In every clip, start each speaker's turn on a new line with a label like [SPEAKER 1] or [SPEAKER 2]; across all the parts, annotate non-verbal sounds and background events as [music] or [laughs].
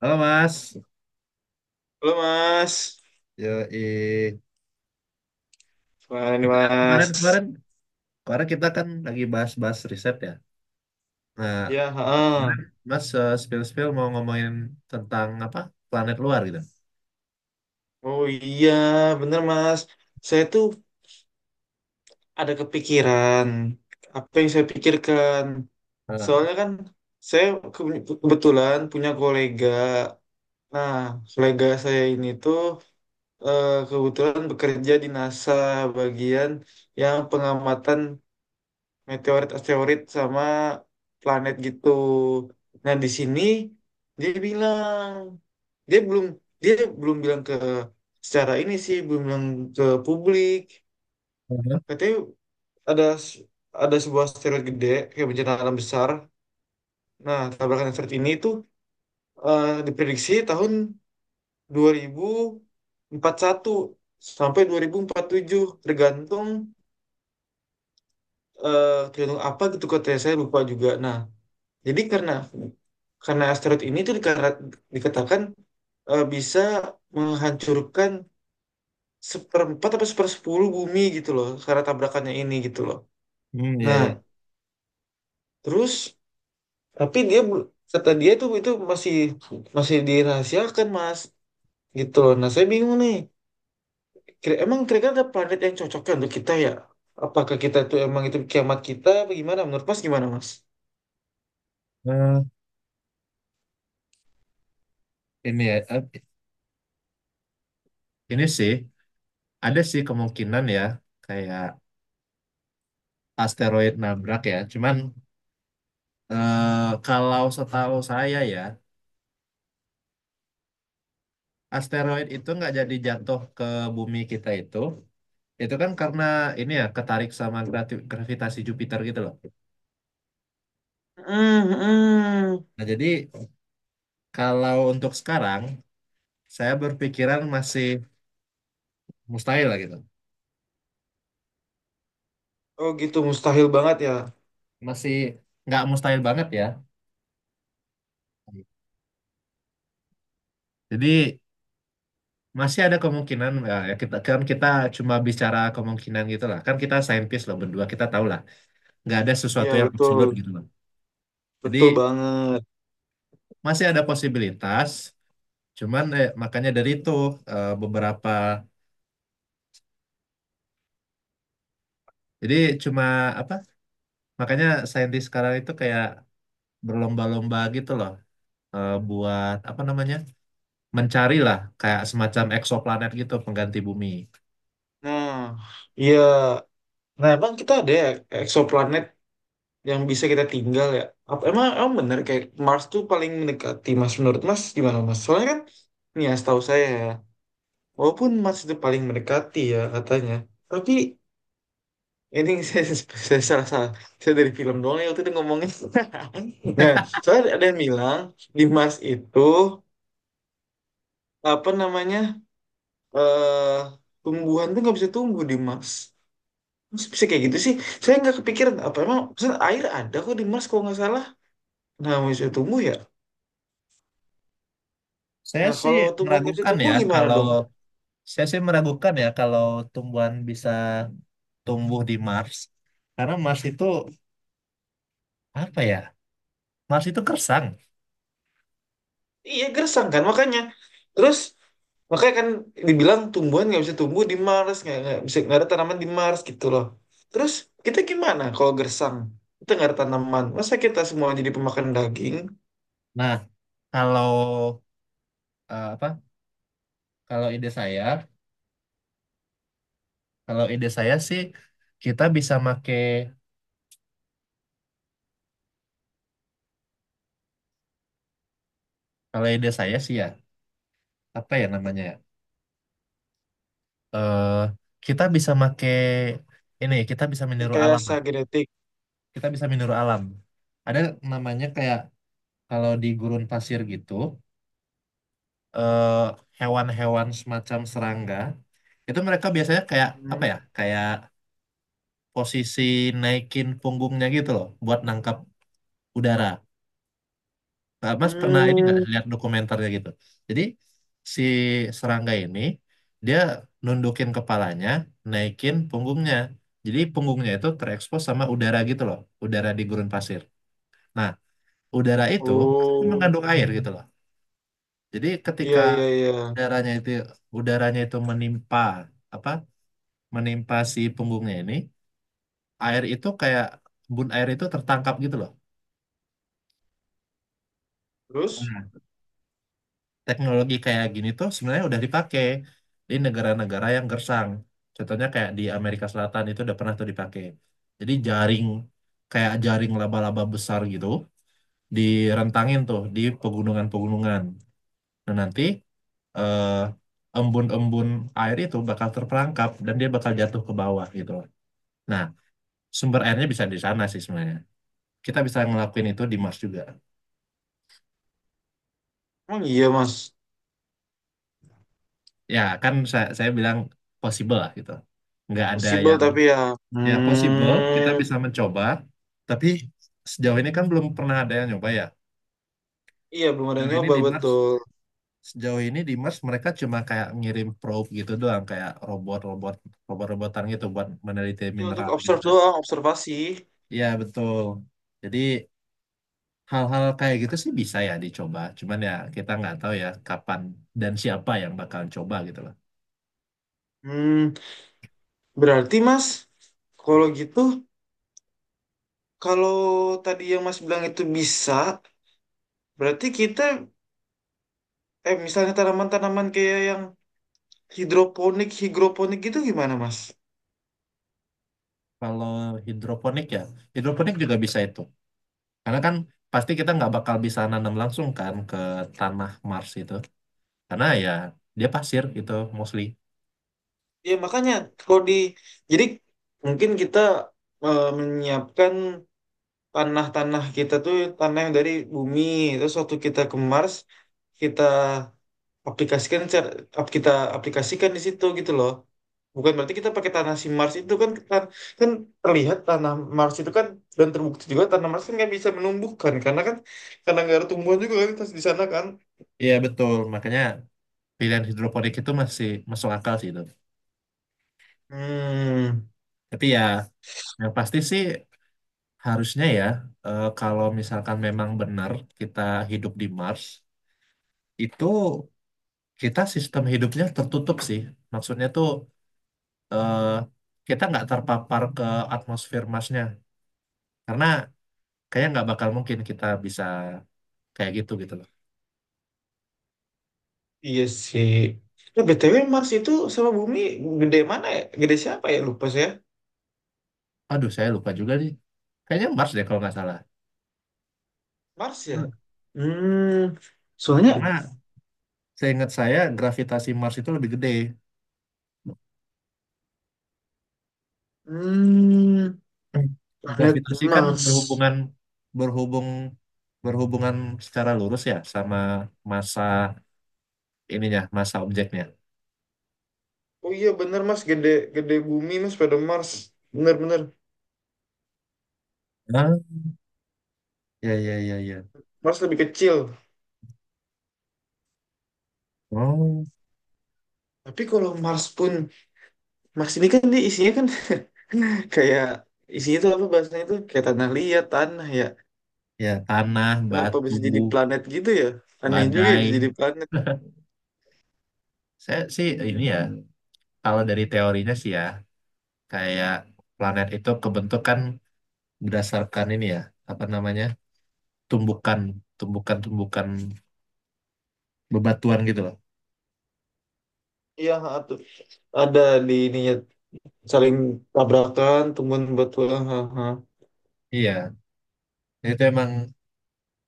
[SPEAKER 1] Halo Mas,
[SPEAKER 2] Halo Mas,
[SPEAKER 1] yoi.
[SPEAKER 2] gimana nih Mas?
[SPEAKER 1] Kemarin kemarin kemarin kita kan lagi bahas-bahas riset ya. Nah,
[SPEAKER 2] Ya, heeh.
[SPEAKER 1] kemarin Mas spill-spill mau ngomongin tentang apa planet luar gitu.
[SPEAKER 2] Oh iya, bener Mas. Saya tuh ada kepikiran. Apa yang saya pikirkan?
[SPEAKER 1] Heeh.
[SPEAKER 2] Soalnya kan saya kebetulan punya kolega. Nah, kolega saya ini tuh kebetulan bekerja di NASA bagian yang pengamatan meteorit asteroid sama planet gitu. Nah, di sini dia bilang dia belum dia belum bilang ke, secara ini sih belum bilang ke publik.
[SPEAKER 1] Heeh.
[SPEAKER 2] Katanya ada s- ada sebuah asteroid gede kayak bencana alam besar. Nah, tabrakan asteroid ini itu diprediksi tahun 2041 sampai 2047 tergantung tergantung apa gitu, katanya saya lupa juga. Nah, jadi karena asteroid ini tuh dikatakan bisa menghancurkan seperempat atau sepersepuluh bumi gitu loh karena tabrakannya ini gitu loh.
[SPEAKER 1] Hmm, iya,
[SPEAKER 2] Nah,
[SPEAKER 1] iya.
[SPEAKER 2] terus tapi kata dia itu masih masih dirahasiakan Mas gitu loh. Nah, saya bingung nih. Emang kira-kira ada planet yang cocoknya untuk kita ya? Apakah kita tuh emang itu kiamat kita apa gimana? Menurut Mas gimana Mas?
[SPEAKER 1] Eh, ini ya, eh, ini sih ada sih kemungkinan ya kayak asteroid nabrak ya. Cuman kalau setahu saya ya asteroid itu nggak jadi jatuh ke bumi kita itu. Itu kan karena ini ya ketarik sama gravitasi Jupiter gitu loh.
[SPEAKER 2] Hmm, hmm.
[SPEAKER 1] Nah, jadi kalau untuk sekarang saya berpikiran masih mustahil lah gitu.
[SPEAKER 2] Oh gitu mustahil banget ya.
[SPEAKER 1] Masih nggak mustahil banget ya. Jadi masih ada kemungkinan ya ya kita kan kita cuma bicara kemungkinan gitu lah. Kan kita saintis loh berdua, kita tahu lah nggak ada sesuatu
[SPEAKER 2] Iya
[SPEAKER 1] yang absolut
[SPEAKER 2] betul.
[SPEAKER 1] gitu loh.
[SPEAKER 2] Betul
[SPEAKER 1] Jadi
[SPEAKER 2] banget.
[SPEAKER 1] masih ada posibilitas, cuman makanya dari itu beberapa jadi cuma apa. Makanya saintis sekarang itu kayak berlomba-lomba gitu loh, buat apa namanya mencari lah kayak semacam eksoplanet gitu pengganti bumi.
[SPEAKER 2] Nah, iya. Nah, emang kita ada ya eksoplanet yang bisa kita tinggal ya? Apa, emang bener kayak Mars tuh paling mendekati Mas, menurut Mas gimana Mas? Soalnya kan, nih ya setahu saya ya, walaupun Mars itu paling mendekati ya katanya, tapi ini [laughs] saya salah salah. Saya dari film doang ya waktu itu ngomongnya. [laughs] Nah, soalnya ada yang bilang di Mars itu apa namanya eh tumbuhan tuh nggak bisa tumbuh di Mars. Masa bisa kayak gitu sih? Saya nggak kepikiran, apa emang maksudnya air ada kok di Mars kalau nggak salah. Nah, nggak bisa tumbuh ya.
[SPEAKER 1] Saya
[SPEAKER 2] Nah,
[SPEAKER 1] sih
[SPEAKER 2] kalau tumbuhan nggak bisa
[SPEAKER 1] meragukan
[SPEAKER 2] tumbuh
[SPEAKER 1] ya
[SPEAKER 2] gimana
[SPEAKER 1] kalau
[SPEAKER 2] dong?
[SPEAKER 1] saya sih meragukan ya kalau tumbuhan bisa tumbuh di Mars karena Mars itu apa ya? Mars itu kersang.
[SPEAKER 2] Iya, gersang kan makanya. Terus makanya kan dibilang tumbuhan nggak bisa tumbuh di Mars, nggak bisa, nggak ada tanaman di Mars gitu loh. Terus kita gimana kalau gersang? Kita nggak ada tanaman. Masa kita semua jadi pemakan daging?
[SPEAKER 1] Nah, kalau apa? Kalau ide saya, kalau ide saya sih kita bisa make kalau ide saya sih ya apa ya namanya? Ya, eh kita bisa make ini kita bisa meniru alam lah.
[SPEAKER 2] Rekayasa genetik.
[SPEAKER 1] Kita bisa meniru alam. Ada namanya kayak kalau di gurun pasir gitu, eh, hewan-hewan semacam serangga itu mereka biasanya kayak apa
[SPEAKER 2] Hmm.
[SPEAKER 1] ya? Kayak posisi naikin punggungnya gitu loh buat nangkap udara. Nah, Mas pernah ini nggak
[SPEAKER 2] Hmm.
[SPEAKER 1] lihat dokumenternya gitu? Jadi si serangga ini dia nundukin kepalanya, naikin punggungnya. Jadi punggungnya itu terekspos sama udara gitu loh, udara di gurun pasir. Nah, udara itu kan
[SPEAKER 2] Oh,
[SPEAKER 1] mengandung air gitu loh. Jadi
[SPEAKER 2] iya
[SPEAKER 1] ketika
[SPEAKER 2] iya iya.
[SPEAKER 1] udaranya itu udaranya itu menimpa apa? Menimpa si punggungnya ini, air itu kayak embun air itu tertangkap gitu loh.
[SPEAKER 2] Terus
[SPEAKER 1] Teknologi kayak gini tuh sebenarnya udah dipakai di negara-negara yang gersang. Contohnya kayak di Amerika Selatan itu udah pernah tuh dipakai. Jadi jaring kayak jaring laba-laba besar gitu direntangin tuh di pegunungan-pegunungan. Nah nanti embun-embun air itu bakal terperangkap dan dia bakal jatuh ke bawah gitu loh. Nah sumber airnya bisa di sana sih sebenarnya. Kita bisa ngelakuin itu di Mars juga.
[SPEAKER 2] emang iya, Mas.
[SPEAKER 1] Ya kan saya bilang possible lah gitu. Nggak ada
[SPEAKER 2] Possible
[SPEAKER 1] yang.
[SPEAKER 2] tapi ya
[SPEAKER 1] Ya, possible. Kita
[SPEAKER 2] hmm,
[SPEAKER 1] bisa mencoba. Tapi sejauh ini kan belum pernah ada yang nyoba ya.
[SPEAKER 2] iya belum ada yang
[SPEAKER 1] Sejauh ini
[SPEAKER 2] nyoba
[SPEAKER 1] di Mars,
[SPEAKER 2] betul.
[SPEAKER 1] sejauh ini di Mars mereka cuma kayak ngirim probe gitu doang, kayak robot-robot, robot-robotan gitu buat meneliti
[SPEAKER 2] Ini untuk
[SPEAKER 1] mineral gitu
[SPEAKER 2] observe
[SPEAKER 1] kan.
[SPEAKER 2] doang, observasi.
[SPEAKER 1] Iya, betul. Jadi hal-hal kayak gitu sih bisa ya dicoba. Cuman ya kita nggak tahu ya kapan dan siapa yang bakal coba gitu loh.
[SPEAKER 2] Hmm, berarti Mas, kalau gitu, kalau tadi yang Mas bilang itu bisa, berarti kita, misalnya tanaman-tanaman kayak yang hidroponik gitu gimana Mas?
[SPEAKER 1] Kalau hidroponik ya, hidroponik juga bisa itu. Karena kan pasti kita nggak bakal bisa nanam langsung kan ke tanah Mars itu, karena ya dia pasir gitu mostly.
[SPEAKER 2] Ya makanya kalau di, jadi mungkin kita menyiapkan tanah-tanah kita, tuh tanah yang dari bumi. Terus waktu kita ke Mars, kita kita aplikasikan di situ gitu loh, bukan berarti kita pakai tanah si Mars itu. Kan kan terlihat tanah Mars itu kan, dan terbukti juga tanah Mars kan nggak bisa menumbuhkan, karena kan karena nggak ada tumbuhan juga kan, tas di sana kan.
[SPEAKER 1] Iya betul, makanya pilihan hidroponik itu masih masuk akal sih itu.
[SPEAKER 2] Hmm,
[SPEAKER 1] Tapi ya yang pasti sih harusnya ya, kalau misalkan memang benar kita hidup di Mars itu, kita sistem hidupnya tertutup sih. Maksudnya tuh eh, kita nggak terpapar ke atmosfer Marsnya karena kayaknya nggak bakal mungkin kita bisa kayak gitu gitu loh.
[SPEAKER 2] iya sih. Nah, BTW Mars itu sama Bumi gede mana ya? Gede siapa ya? Lupa saya.
[SPEAKER 1] Aduh saya lupa juga nih, kayaknya Mars deh kalau nggak salah,
[SPEAKER 2] Mars ya? Hmm, soalnya
[SPEAKER 1] karena seingat saya gravitasi Mars itu lebih gede.
[SPEAKER 2] Hmm, planet
[SPEAKER 1] Gravitasi kan
[SPEAKER 2] Mars.
[SPEAKER 1] berhubung berhubungan secara lurus ya sama massa ininya, massa objeknya.
[SPEAKER 2] Oh iya bener Mas, gede gede bumi Mas pada Mars. Bener-bener.
[SPEAKER 1] Hah? Ya, ya, ya, ya.
[SPEAKER 2] Mars lebih kecil.
[SPEAKER 1] Oh,
[SPEAKER 2] Tapi kalau Mars pun, Mars ini kan dia isinya kan [laughs] kayak, isinya itu apa bahasanya itu, kayak tanah liat, tanah ya.
[SPEAKER 1] ya tanah,
[SPEAKER 2] Kenapa
[SPEAKER 1] batu,
[SPEAKER 2] bisa jadi planet gitu ya? Aneh juga ya bisa jadi
[SPEAKER 1] badai.
[SPEAKER 2] planet.
[SPEAKER 1] Saya sih ini ya, kalau dari teorinya sih ya, kayak planet itu kebentuk kan berdasarkan ini ya, apa namanya? tumbukan, tumbukan-tumbukan bebatuan gitu loh.
[SPEAKER 2] Iya, ha, tuh. Ada di ininya saling tabrakan, tumbuhan bertulang. Ha, ha.
[SPEAKER 1] Iya, itu emang.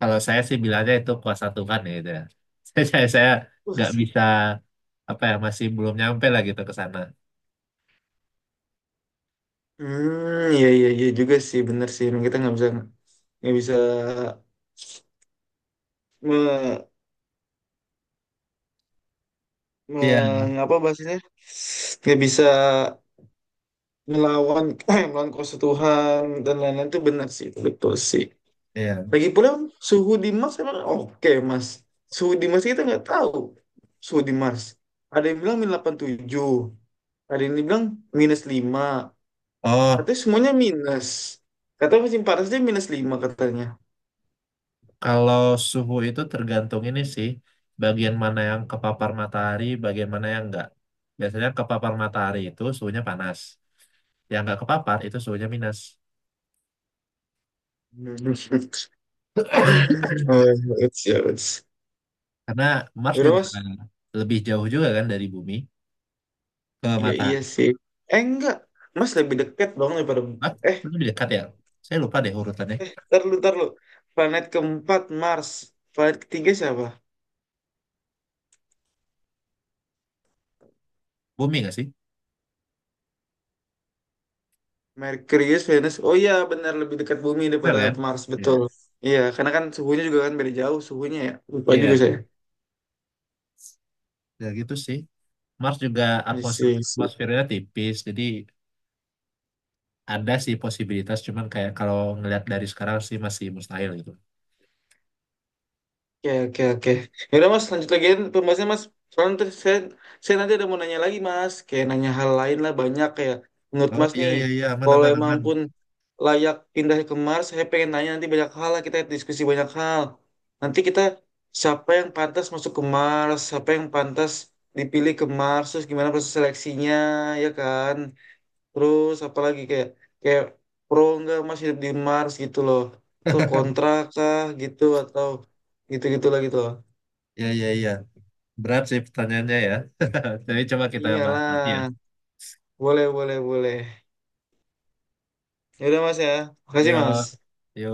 [SPEAKER 1] Kalau saya sih bilangnya itu kuasa Tuhan ya gitu ya. [laughs] Saya
[SPEAKER 2] Wah,
[SPEAKER 1] nggak bisa apa ya, masih belum nyampe lah gitu ke sana.
[SPEAKER 2] Iya iya iya juga sih, bener sih. Emang kita nggak bisa nggak bisa me,
[SPEAKER 1] Iya,
[SPEAKER 2] mengapa bahasanya, nggak bisa melawan [clears throat] melawan kuasa Tuhan [clears throat] dan lain-lain, itu benar sih, betul sih.
[SPEAKER 1] iya.
[SPEAKER 2] Lagi pula suhu di Mars emang oke Mas? Suhu di Mars kita nggak tahu. Suhu di Mars ada yang bilang -87. Ada yang bilang -5.
[SPEAKER 1] Oh,
[SPEAKER 2] Katanya semuanya minus, katanya musim panasnya -5 katanya.
[SPEAKER 1] kalau suhu itu tergantung ini sih, bagian mana yang kepapar matahari, bagian mana yang enggak. Biasanya kepapar matahari itu suhunya panas, yang enggak kepapar itu suhunya minus.
[SPEAKER 2] [laughs] Hmm. Oh, it's.
[SPEAKER 1] Karena Mars
[SPEAKER 2] Yaudah,
[SPEAKER 1] juga
[SPEAKER 2] Mas.
[SPEAKER 1] lebih jauh juga kan dari bumi ke
[SPEAKER 2] Iya iya
[SPEAKER 1] matahari.
[SPEAKER 2] sih. Eh enggak, Mas lebih dekat dong daripada,
[SPEAKER 1] Mars
[SPEAKER 2] eh
[SPEAKER 1] lebih dekat ya? Saya lupa deh urutannya.
[SPEAKER 2] ntar lu ntar lu. Planet keempat Mars, planet ketiga siapa?
[SPEAKER 1] Bumi nggak sih?
[SPEAKER 2] Merkurius, Venus. Oh iya benar, lebih dekat bumi
[SPEAKER 1] Benar
[SPEAKER 2] daripada
[SPEAKER 1] kan?
[SPEAKER 2] Mars
[SPEAKER 1] Iya.
[SPEAKER 2] betul. Iya karena kan suhunya juga kan beda jauh suhunya ya. Lupa juga
[SPEAKER 1] Iya.
[SPEAKER 2] saya.
[SPEAKER 1] Ya gitu sih, Mars juga atmosfer
[SPEAKER 2] Iya.
[SPEAKER 1] atmosfernya tipis, jadi ada sih posibilitas cuman kayak kalau ngelihat dari sekarang sih masih mustahil gitu.
[SPEAKER 2] Oke, oke, oke. Ya udah Mas, lanjut lagi pembahasannya Mas. Soalnya nanti saya nanti ada mau nanya lagi Mas, kayak nanya hal lain lah, banyak kayak menurut
[SPEAKER 1] Oh
[SPEAKER 2] Mas
[SPEAKER 1] iya
[SPEAKER 2] nih,
[SPEAKER 1] iya iya, aman
[SPEAKER 2] kalau
[SPEAKER 1] aman
[SPEAKER 2] emang
[SPEAKER 1] aman.
[SPEAKER 2] pun layak pindah ke Mars, saya pengen nanya nanti banyak hal lah, kita diskusi banyak hal. Nanti kita, siapa yang pantas masuk ke Mars, siapa yang pantas dipilih ke Mars, terus gimana proses seleksinya, ya kan? Terus apalagi kayak kayak pro enggak Mas hidup di Mars gitu loh. Atau kontra
[SPEAKER 1] [laughs]
[SPEAKER 2] kah gitu atau gitu-gitu lah gitu loh.
[SPEAKER 1] Iya iya iya, berat sih pertanyaannya ya. [laughs] Tapi coba kita bahas nanti ya.
[SPEAKER 2] Iyalah. Boleh, boleh, boleh. Ya udah Mas ya. Makasih
[SPEAKER 1] Yo.
[SPEAKER 2] Mas.
[SPEAKER 1] Yo.